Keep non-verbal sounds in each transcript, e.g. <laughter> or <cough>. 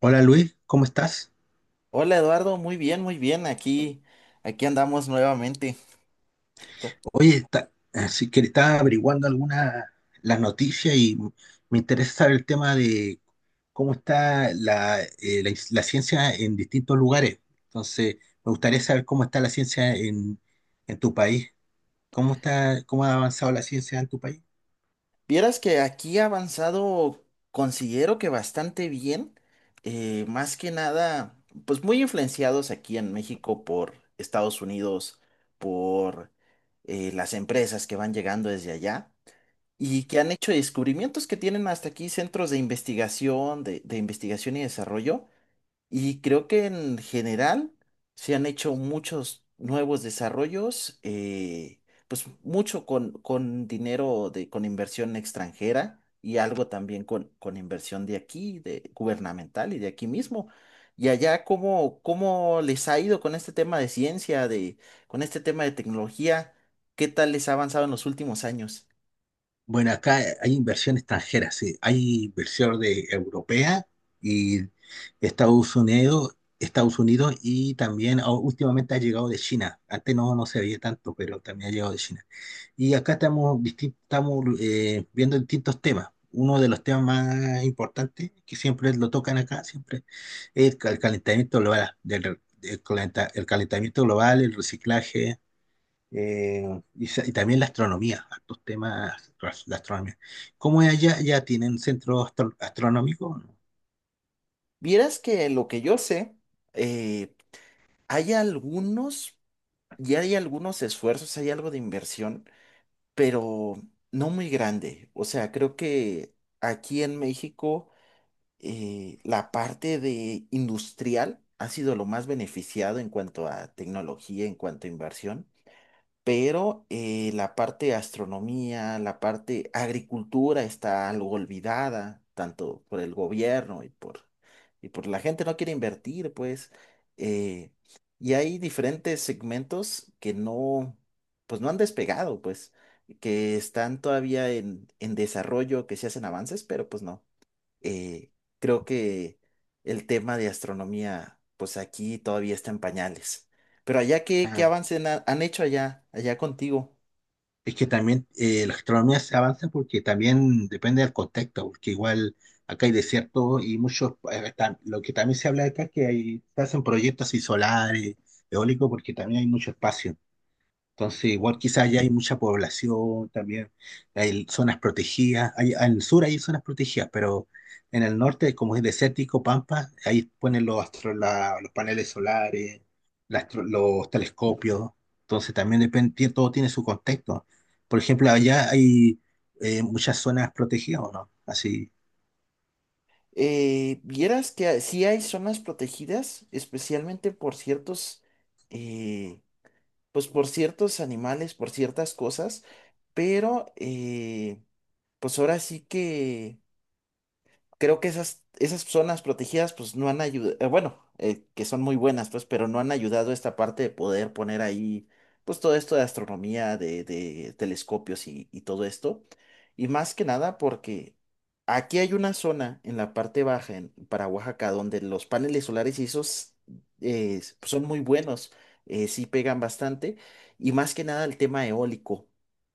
Hola Luis, ¿cómo estás? Hola Eduardo, muy bien, muy bien. Aquí andamos nuevamente. Co- Oye, está, así que estaba averiguando algunas las noticias y me interesa saber el tema de cómo está la, la ciencia en distintos lugares. Entonces, me gustaría saber cómo está la ciencia en tu país. ¿Cómo está, cómo ha avanzado la ciencia en tu país? Vieras que aquí ha avanzado, considero que bastante bien. Más que nada, pues muy influenciados aquí en México por Estados Unidos, por las empresas que van llegando desde allá y que han hecho descubrimientos, que tienen hasta aquí centros de investigación, de investigación y desarrollo. Y creo que en general se han hecho muchos nuevos desarrollos, pues mucho con dinero con inversión extranjera y algo también con inversión de aquí, de gubernamental y de aquí mismo. Y allá, ¿cómo les ha ido con este tema de ciencia, con este tema de tecnología? ¿Qué tal les ha avanzado en los últimos años? Bueno, acá hay inversión extranjera, sí. Hay inversión de europea y Estados Unidos y también últimamente ha llegado de China. Antes no, no se veía tanto, pero también ha llegado de China. Y acá estamos, estamos viendo distintos temas. Uno de los temas más importantes que siempre lo tocan acá, siempre, es el calentamiento global, el calentamiento global, el reciclaje. Eh, y, y también la astronomía, estos temas, la astronomía. ¿Cómo es allá? ¿Ya tienen centro astronómico? Vieras que lo que yo sé, eh, hay algunos ya hay algunos esfuerzos, hay algo de inversión, pero no muy grande. O sea, creo que aquí en México la parte de industrial ha sido lo más beneficiado en cuanto a tecnología, en cuanto a inversión. Pero la parte de astronomía, la parte agricultura está algo olvidada, tanto por el gobierno y y por la gente no quiere invertir, pues. eh, y hay diferentes segmentos que no, pues no han despegado, pues, que están todavía en, desarrollo, que se hacen avances, pero pues no. eh, Creo que el tema de astronomía, pues aquí todavía está en pañales. Pero allá, ¿qué Ah, avance han hecho allá, allá contigo? es que también la astronomía se avanza porque también depende del contexto, porque igual acá hay desierto y muchos, lo que también se habla acá es que hay, se hacen proyectos así solares, eólicos, porque también hay mucho espacio. Entonces, igual Oh. quizás allá hay mucha población también, hay zonas protegidas, hay, en el sur hay zonas protegidas, pero en el norte, como es desértico, Pampa, ahí ponen los, los paneles solares, los telescopios, entonces también depende, todo tiene su contexto. Por ejemplo, allá hay muchas zonas protegidas, ¿o no? Así, Vieras que sí hay zonas protegidas, especialmente eh, pues por ciertos animales, por ciertas cosas, pero pues ahora sí que creo que esas zonas protegidas pues no han ayudado. Bueno, que son muy buenas, pues, pero no han ayudado a esta parte de poder poner ahí pues todo esto de astronomía, de telescopios y todo esto. Y más que nada porque aquí hay una zona en la parte baja, para Oaxaca, donde los paneles solares y esos pues, son muy buenos. Sí pegan bastante, y más que nada el tema eólico.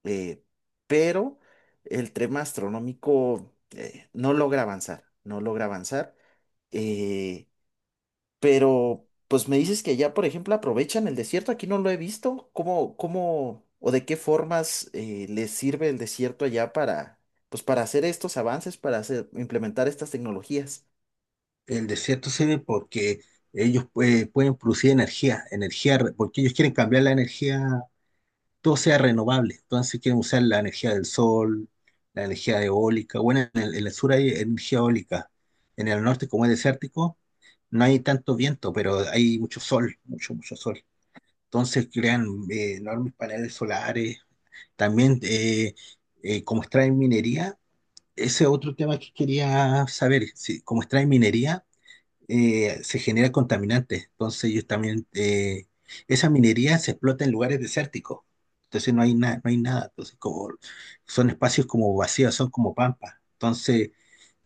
eh, pero el tema astronómico no logra avanzar, no logra avanzar. eh, pero, pues me dices que allá, por ejemplo, aprovechan el desierto, aquí no lo he visto. ¿Cómo o de qué formas les sirve el desierto allá para hacer estos avances, implementar estas tecnologías? el desierto se ve porque ellos pueden producir energía, porque ellos quieren cambiar la energía todo sea renovable. Entonces si quieren usar la energía del sol, la energía eólica. Bueno, en el sur hay energía eólica. En el norte, como es desértico, no hay tanto viento, pero hay mucho sol, mucho sol. Entonces crean enormes paneles solares. También, como extraen minería, ese es otro tema que quería saber. Si como extraen minería, se genera contaminante. Entonces ellos también, esa minería se explota en lugares desérticos. Entonces no hay nada, no hay nada. Entonces como son espacios como vacíos, son como pampas. Entonces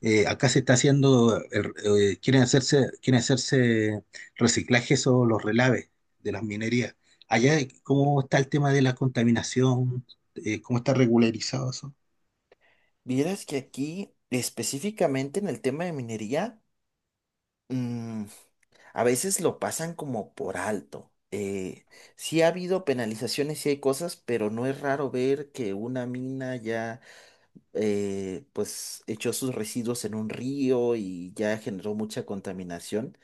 acá se está haciendo, quieren hacerse reciclajes o los relaves de las minerías. Allá, ¿cómo está el tema de la contaminación? ¿Cómo está regularizado eso? Vieras que aquí, específicamente en el tema de minería, mm, a veces lo pasan como por alto. Sí ha habido penalizaciones, sí hay cosas, pero no es raro ver que una mina ya pues echó sus residuos en un río y ya generó mucha contaminación.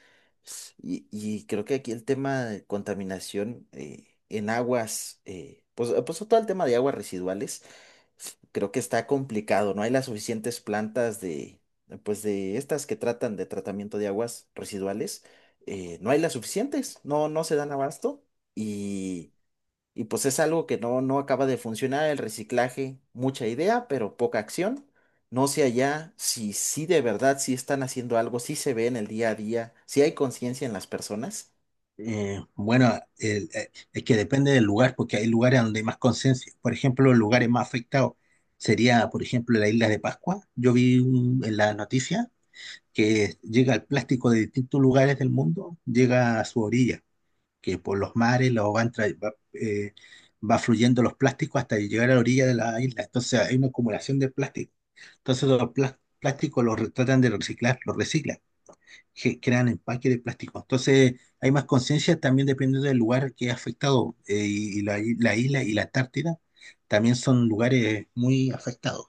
Y creo que aquí el tema de contaminación en aguas, pues todo el tema de aguas residuales, creo que está complicado. No hay las suficientes plantas pues de estas que tratan de tratamiento de aguas residuales. No hay las suficientes, no se dan abasto, y pues es algo que no acaba de funcionar. El reciclaje, mucha idea, pero poca acción. No sé allá si sí de verdad, si están haciendo algo, si se ve en el día a día, si hay conciencia en las personas. Bueno, es que depende del lugar, porque hay lugares donde hay más conciencia. Por ejemplo, los lugares más afectados sería, por ejemplo, la isla de Pascua. Yo en la noticia que llega el plástico de distintos lugares del mundo, llega a su orilla, que por los mares lo van tra- va, va fluyendo los plásticos hasta llegar a la orilla de la isla. Entonces hay una acumulación de plástico. Entonces los plásticos los tratan de reciclar, los reciclan que crean empaque de plástico. Entonces, hay más conciencia también dependiendo del lugar que ha afectado. Y la, la isla y la Antártida también son lugares muy afectados.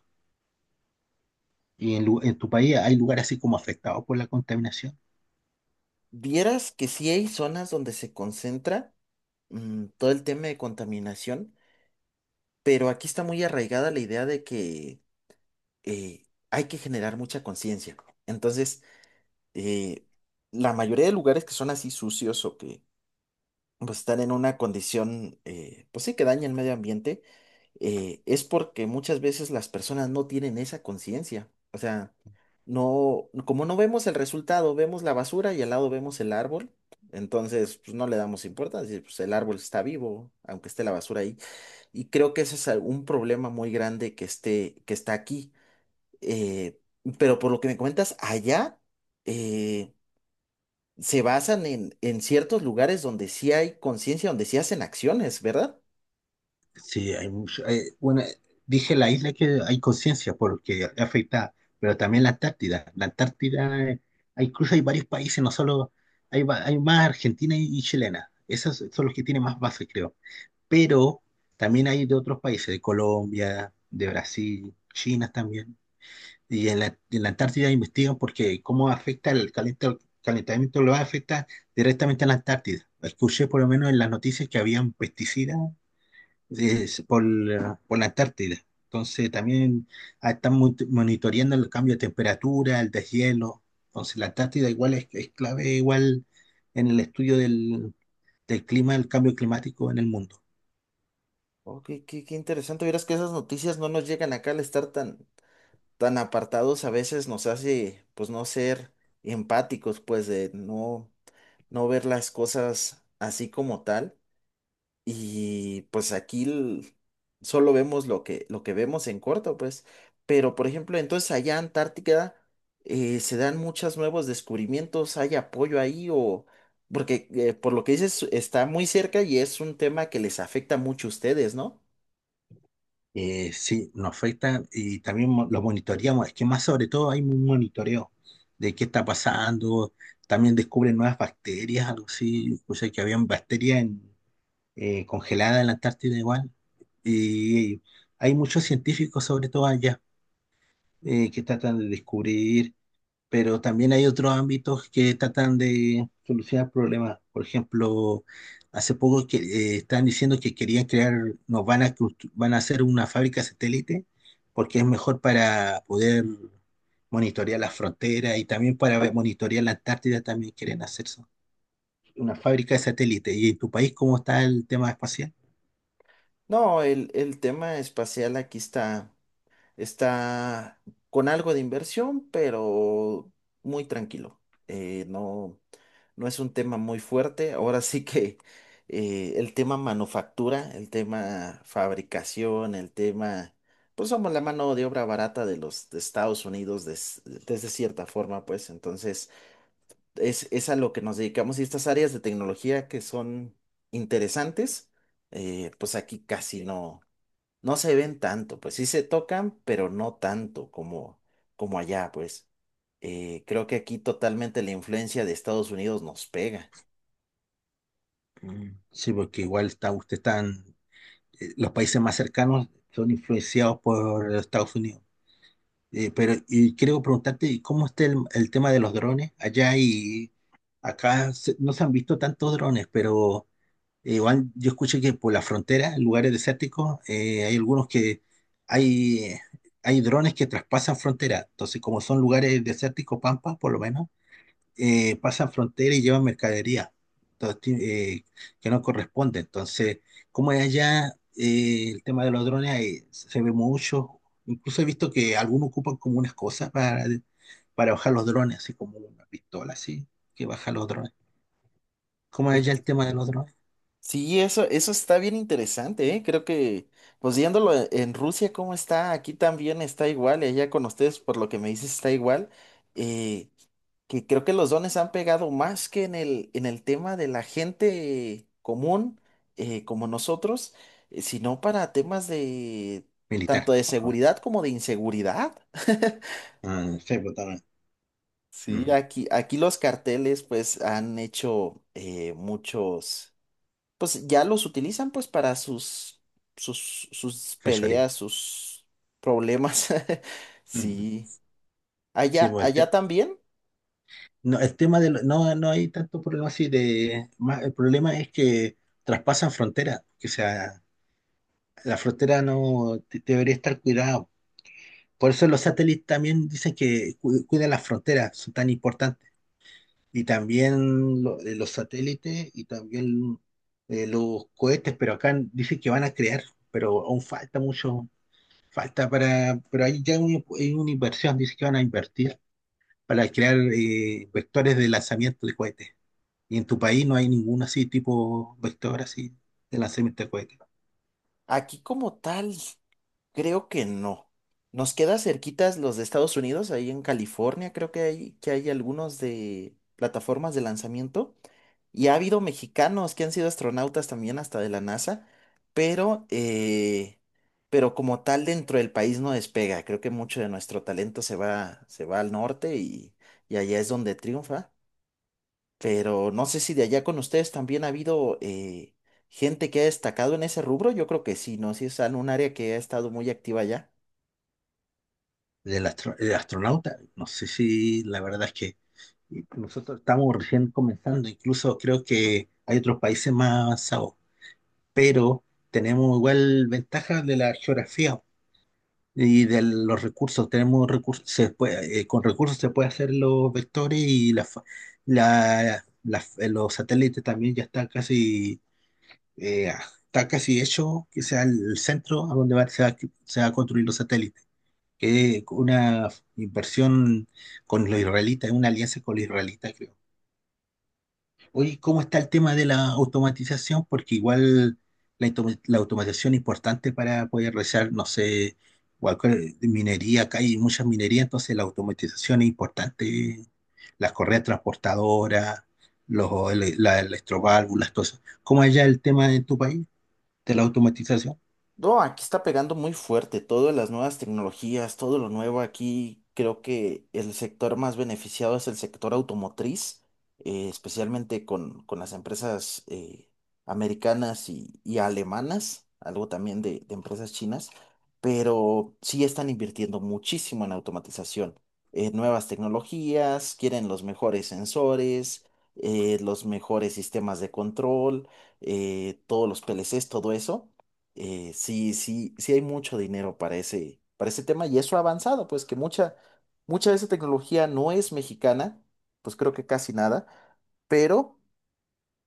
¿Y en, en tu país hay lugares así como afectados por la contaminación? Vieras que sí hay zonas donde se concentra todo el tema de contaminación, pero aquí está muy arraigada la idea de que hay que generar mucha conciencia. Entonces, eh, la mayoría de lugares que son así sucios o que pues están en una condición, pues sí, que daña el medio ambiente, es porque muchas veces las personas no tienen esa conciencia. O sea, no, como no vemos el resultado, vemos la basura y al lado vemos el árbol, entonces pues no le damos importancia, pues el árbol está vivo, aunque esté la basura ahí. Y creo que ese es un problema muy grande que está aquí. Eh, pero por lo que me comentas, allá, eh, se basan en, ciertos lugares donde sí hay conciencia, donde sí hacen acciones, ¿verdad? Sí, hay mucho. Bueno, dije la isla que hay conciencia porque afecta, pero también la Antártida. La Antártida, incluso hay varios países, no solo hay, hay más Argentina y chilena. Esos son los que tienen más bases, creo. Pero también hay de otros países, de Colombia, de Brasil, China también. Y en la Antártida investigan porque cómo afecta el calentamiento global, afecta directamente a la Antártida. Escuché por lo menos en las noticias que habían pesticidas por la Antártida. Entonces también están monitoreando el cambio de temperatura, el deshielo. Entonces la Antártida igual es clave igual en el estudio del, del clima, el cambio climático en el mundo. Oh, qué interesante. Verás que esas noticias no nos llegan acá al estar tan, tan apartados. A veces nos hace, pues, no ser empáticos, pues, de no, ver las cosas así como tal. Y pues aquí solo vemos lo que vemos en corto, pues. Pero, por ejemplo, entonces allá en Antártica se dan muchos nuevos descubrimientos, hay apoyo ahí o... Porque por lo que dices, está muy cerca y es un tema que les afecta mucho a ustedes, ¿no? Sí, nos afecta y también lo monitoreamos. Es que más sobre todo hay un monitoreo de qué está pasando. También descubren nuevas bacterias, algo así. O sea, que habían congeladas en la Antártida igual. Y hay muchos científicos, sobre todo allá, que tratan de descubrir pero también hay otros ámbitos que tratan de solucionar problemas. Por ejemplo, hace poco que están diciendo que querían crear, nos van a constru- van a hacer una fábrica satélite porque es mejor para poder monitorear las fronteras y también para monitorear la Antártida también quieren hacer eso, una fábrica de satélite. ¿Y en tu país cómo está el tema espacial? No, el tema espacial aquí está con algo de inversión, pero muy tranquilo. Eh, no. No es un tema muy fuerte. Ahora sí que el tema manufactura, el tema fabricación, pues somos la mano de obra barata de los de Estados Unidos, desde cierta forma, pues entonces es a lo que nos dedicamos, y estas áreas de tecnología que son interesantes, pues aquí casi no, se ven tanto, pues sí se tocan, pero no tanto como allá, pues. Creo que aquí totalmente la influencia de Estados Unidos nos pega. Mm. Sí, porque igual está, usted están, los países más cercanos son influenciados por Estados Unidos. Pero y quiero preguntarte, ¿cómo está el tema de los drones? Allá y no se han visto tantos drones, pero igual yo escuché que por la frontera, en lugares desérticos, hay algunos que hay, hay drones que traspasan frontera. Entonces, como son lugares desérticos, pampa, por lo menos pasan fronteras y llevan mercadería entonces, que no corresponde. Entonces, como es allá, el tema de los drones se ve mucho. Incluso he visto que algunos ocupan como unas cosas para bajar los drones, así como una pistola, así, que baja los drones. ¿Cómo es Oye, allá el tema de los drones? sí, eso está bien interesante, ¿eh? Creo que, pues viéndolo en Rusia, cómo está, aquí también está igual, y allá con ustedes, por lo que me dices, está igual. eh, que creo que los dones han pegado más que en el tema de la gente común, como nosotros, sino para temas de Militar, tanto de ¿o no? seguridad como de inseguridad. <laughs> Ah, sí, pues, también. Sí, Mm, aquí los carteles pues han hecho muchos. Pues ya los utilizan pues para sus fechoría. peleas, sus problemas. <laughs> Mm. Sí. Sí, Allá, pues, el tema allá también. no, el tema de no, no hay tanto problema así de más, el problema es que traspasan fronteras, que sea la frontera no de- debería estar cuidada. Por eso los satélites también dicen que cuidan las fronteras, son tan importantes. Y también los satélites y también los cohetes, pero acá dicen que van a crear, pero aún falta mucho, falta para, pero ahí ya hay una inversión, dicen que van a invertir para crear vectores de lanzamiento de cohetes. Y en tu país no hay ningún así tipo vector así de lanzamiento de cohetes. Aquí como tal, creo que no. Nos queda cerquitas los de Estados Unidos, ahí en California, creo que que hay algunos de plataformas de lanzamiento. Y ha habido mexicanos que han sido astronautas también hasta de la NASA, pero, eh, pero como tal dentro del país no despega. Creo que mucho de nuestro talento se va, al norte, y allá es donde triunfa. Pero no sé si de allá con ustedes también ha habido gente que ha destacado en ese rubro. Yo creo que sí, ¿no? Si es en un área que ha estado muy activa allá. Del astronauta, no sé si la verdad es que y nosotros estamos recién comenzando, incluso creo que hay otros países más avanzados, pero tenemos igual ventajas de la geografía y de los recursos. Tenemos recursos, con recursos se puede hacer los vectores y la, los satélites también ya están casi, eh, está casi hecho, que sea el centro a donde se va a construir los satélites. Que una inversión con los israelitas, es una alianza con los israelitas, creo. Oye, ¿cómo está el tema de la automatización? Porque igual la, la automatización es importante para poder realizar, no sé, cualquier minería, acá hay muchas minerías, entonces la automatización es importante, las correas transportadoras, los, las electroválvulas, todo eso. ¿Cómo es ya el tema en tu país de la automatización? No, aquí está pegando muy fuerte todas las nuevas tecnologías, todo lo nuevo aquí. Creo que el sector más beneficiado es el sector automotriz, especialmente con las empresas americanas y alemanas, algo también de empresas chinas, pero sí están invirtiendo muchísimo en automatización. Nuevas tecnologías, quieren los mejores sensores, los mejores sistemas de control, todos los PLCs, todo eso. Sí, sí, sí hay mucho dinero para ese tema, y eso ha avanzado, pues que mucha de esa tecnología no es mexicana, pues creo que casi nada, pero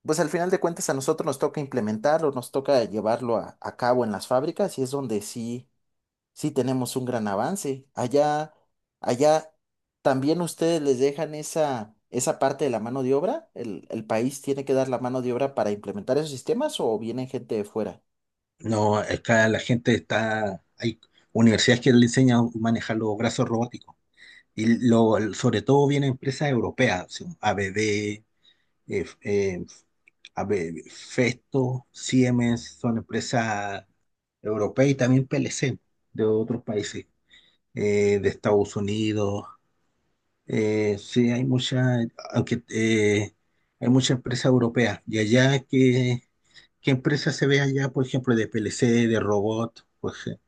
pues al final de cuentas a nosotros nos toca implementarlo, nos toca llevarlo a cabo en las fábricas, y es donde sí, sí tenemos un gran avance. Allá, allá también ustedes les dejan esa parte de la mano de obra, el país tiene que dar la mano de obra para implementar esos sistemas, o vienen gente de fuera. No, acá la gente está, hay universidades que le enseñan a manejar los brazos robóticos. Y lo, sobre todo vienen empresas europeas, así, ABB, eh, eh, a ver, Festo, Siemens son empresas europeas y también PLC de otros países, de Estados Unidos. Sí, hay muchas, aunque hay muchas empresas europeas. Y allá, ¿qué, qué empresa se ve allá, por ejemplo, de PLC, de robot?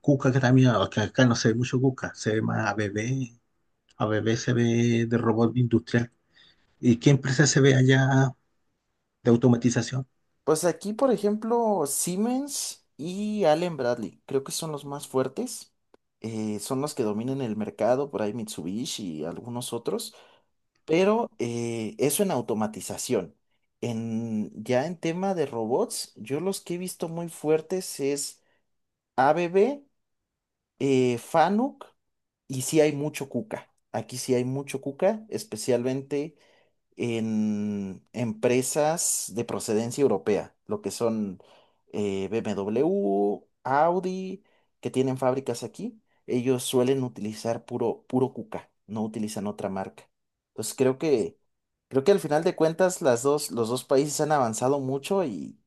Cuca, que también, aunque acá no se ve mucho Cuca, se ve más ABB. ABB se ve de robot industrial. ¿Y qué empresa se ve allá de automatización? Pues aquí, por ejemplo, Siemens y Allen Bradley, creo que son los más fuertes. Son los que dominan el mercado, por ahí Mitsubishi y algunos otros. Pero eso en automatización. Ya en tema de robots, yo los que he visto muy fuertes es ABB, FANUC, y sí hay mucho Kuka. Aquí sí hay mucho Kuka, especialmente en empresas de procedencia europea, lo que son BMW, Audi, que tienen fábricas aquí. Ellos suelen utilizar puro, puro Kuka, no utilizan otra marca. Entonces creo que al final de cuentas los dos países han avanzado mucho, y,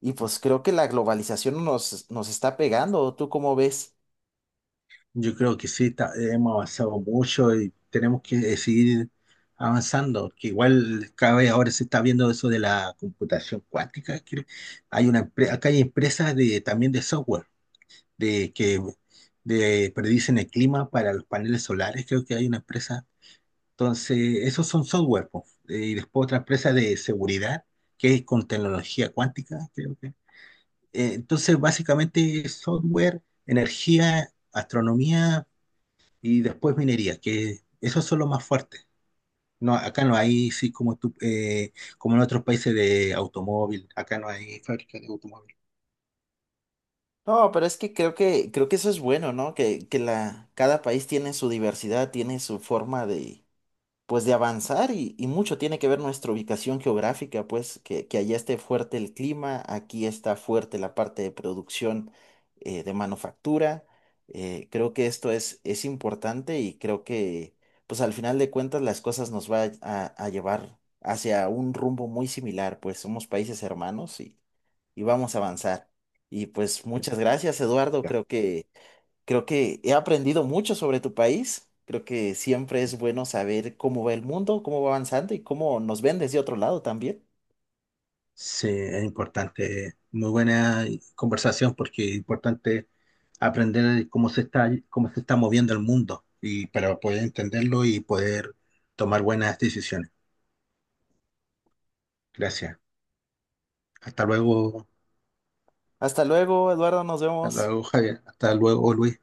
y pues creo que la globalización nos está pegando. ¿Tú cómo ves? Yo creo que sí, hemos avanzado mucho y tenemos que seguir avanzando, que igual cada vez ahora se está viendo eso de la computación cuántica, que hay una, acá hay empresas de, también de software, de que predicen el clima para los paneles solares, creo que hay una empresa. Entonces, esos son software, po. Y después otra empresa de seguridad, que es con tecnología cuántica, creo que. Entonces, básicamente, software, energía, astronomía y después minería, que esos son los más fuertes. No, acá no hay, sí, como, tú, como en otros países de automóvil, acá no hay fábrica de automóvil. No, pero es que creo que eso es bueno, ¿no? Que cada país tiene su diversidad, tiene su forma pues de avanzar, y mucho tiene que ver nuestra ubicación geográfica, pues que allá esté fuerte el clima, aquí está fuerte la parte de producción de manufactura. Creo que esto es importante, y creo que pues al final de cuentas las cosas nos va a llevar hacia un rumbo muy similar, pues somos países hermanos, y vamos a avanzar. Y pues muchas gracias, Eduardo, Ya. creo que... Creo que he aprendido mucho sobre tu país. Creo que siempre es bueno saber cómo va el mundo, cómo va avanzando, y cómo nos ven desde otro lado también. Sí, es importante, muy buena conversación porque es importante aprender cómo se está moviendo el mundo y para poder entenderlo y poder tomar buenas decisiones. Gracias. Hasta luego, Hasta luego, Eduardo, nos hasta vemos. luego, Javier. Hasta luego, Luis.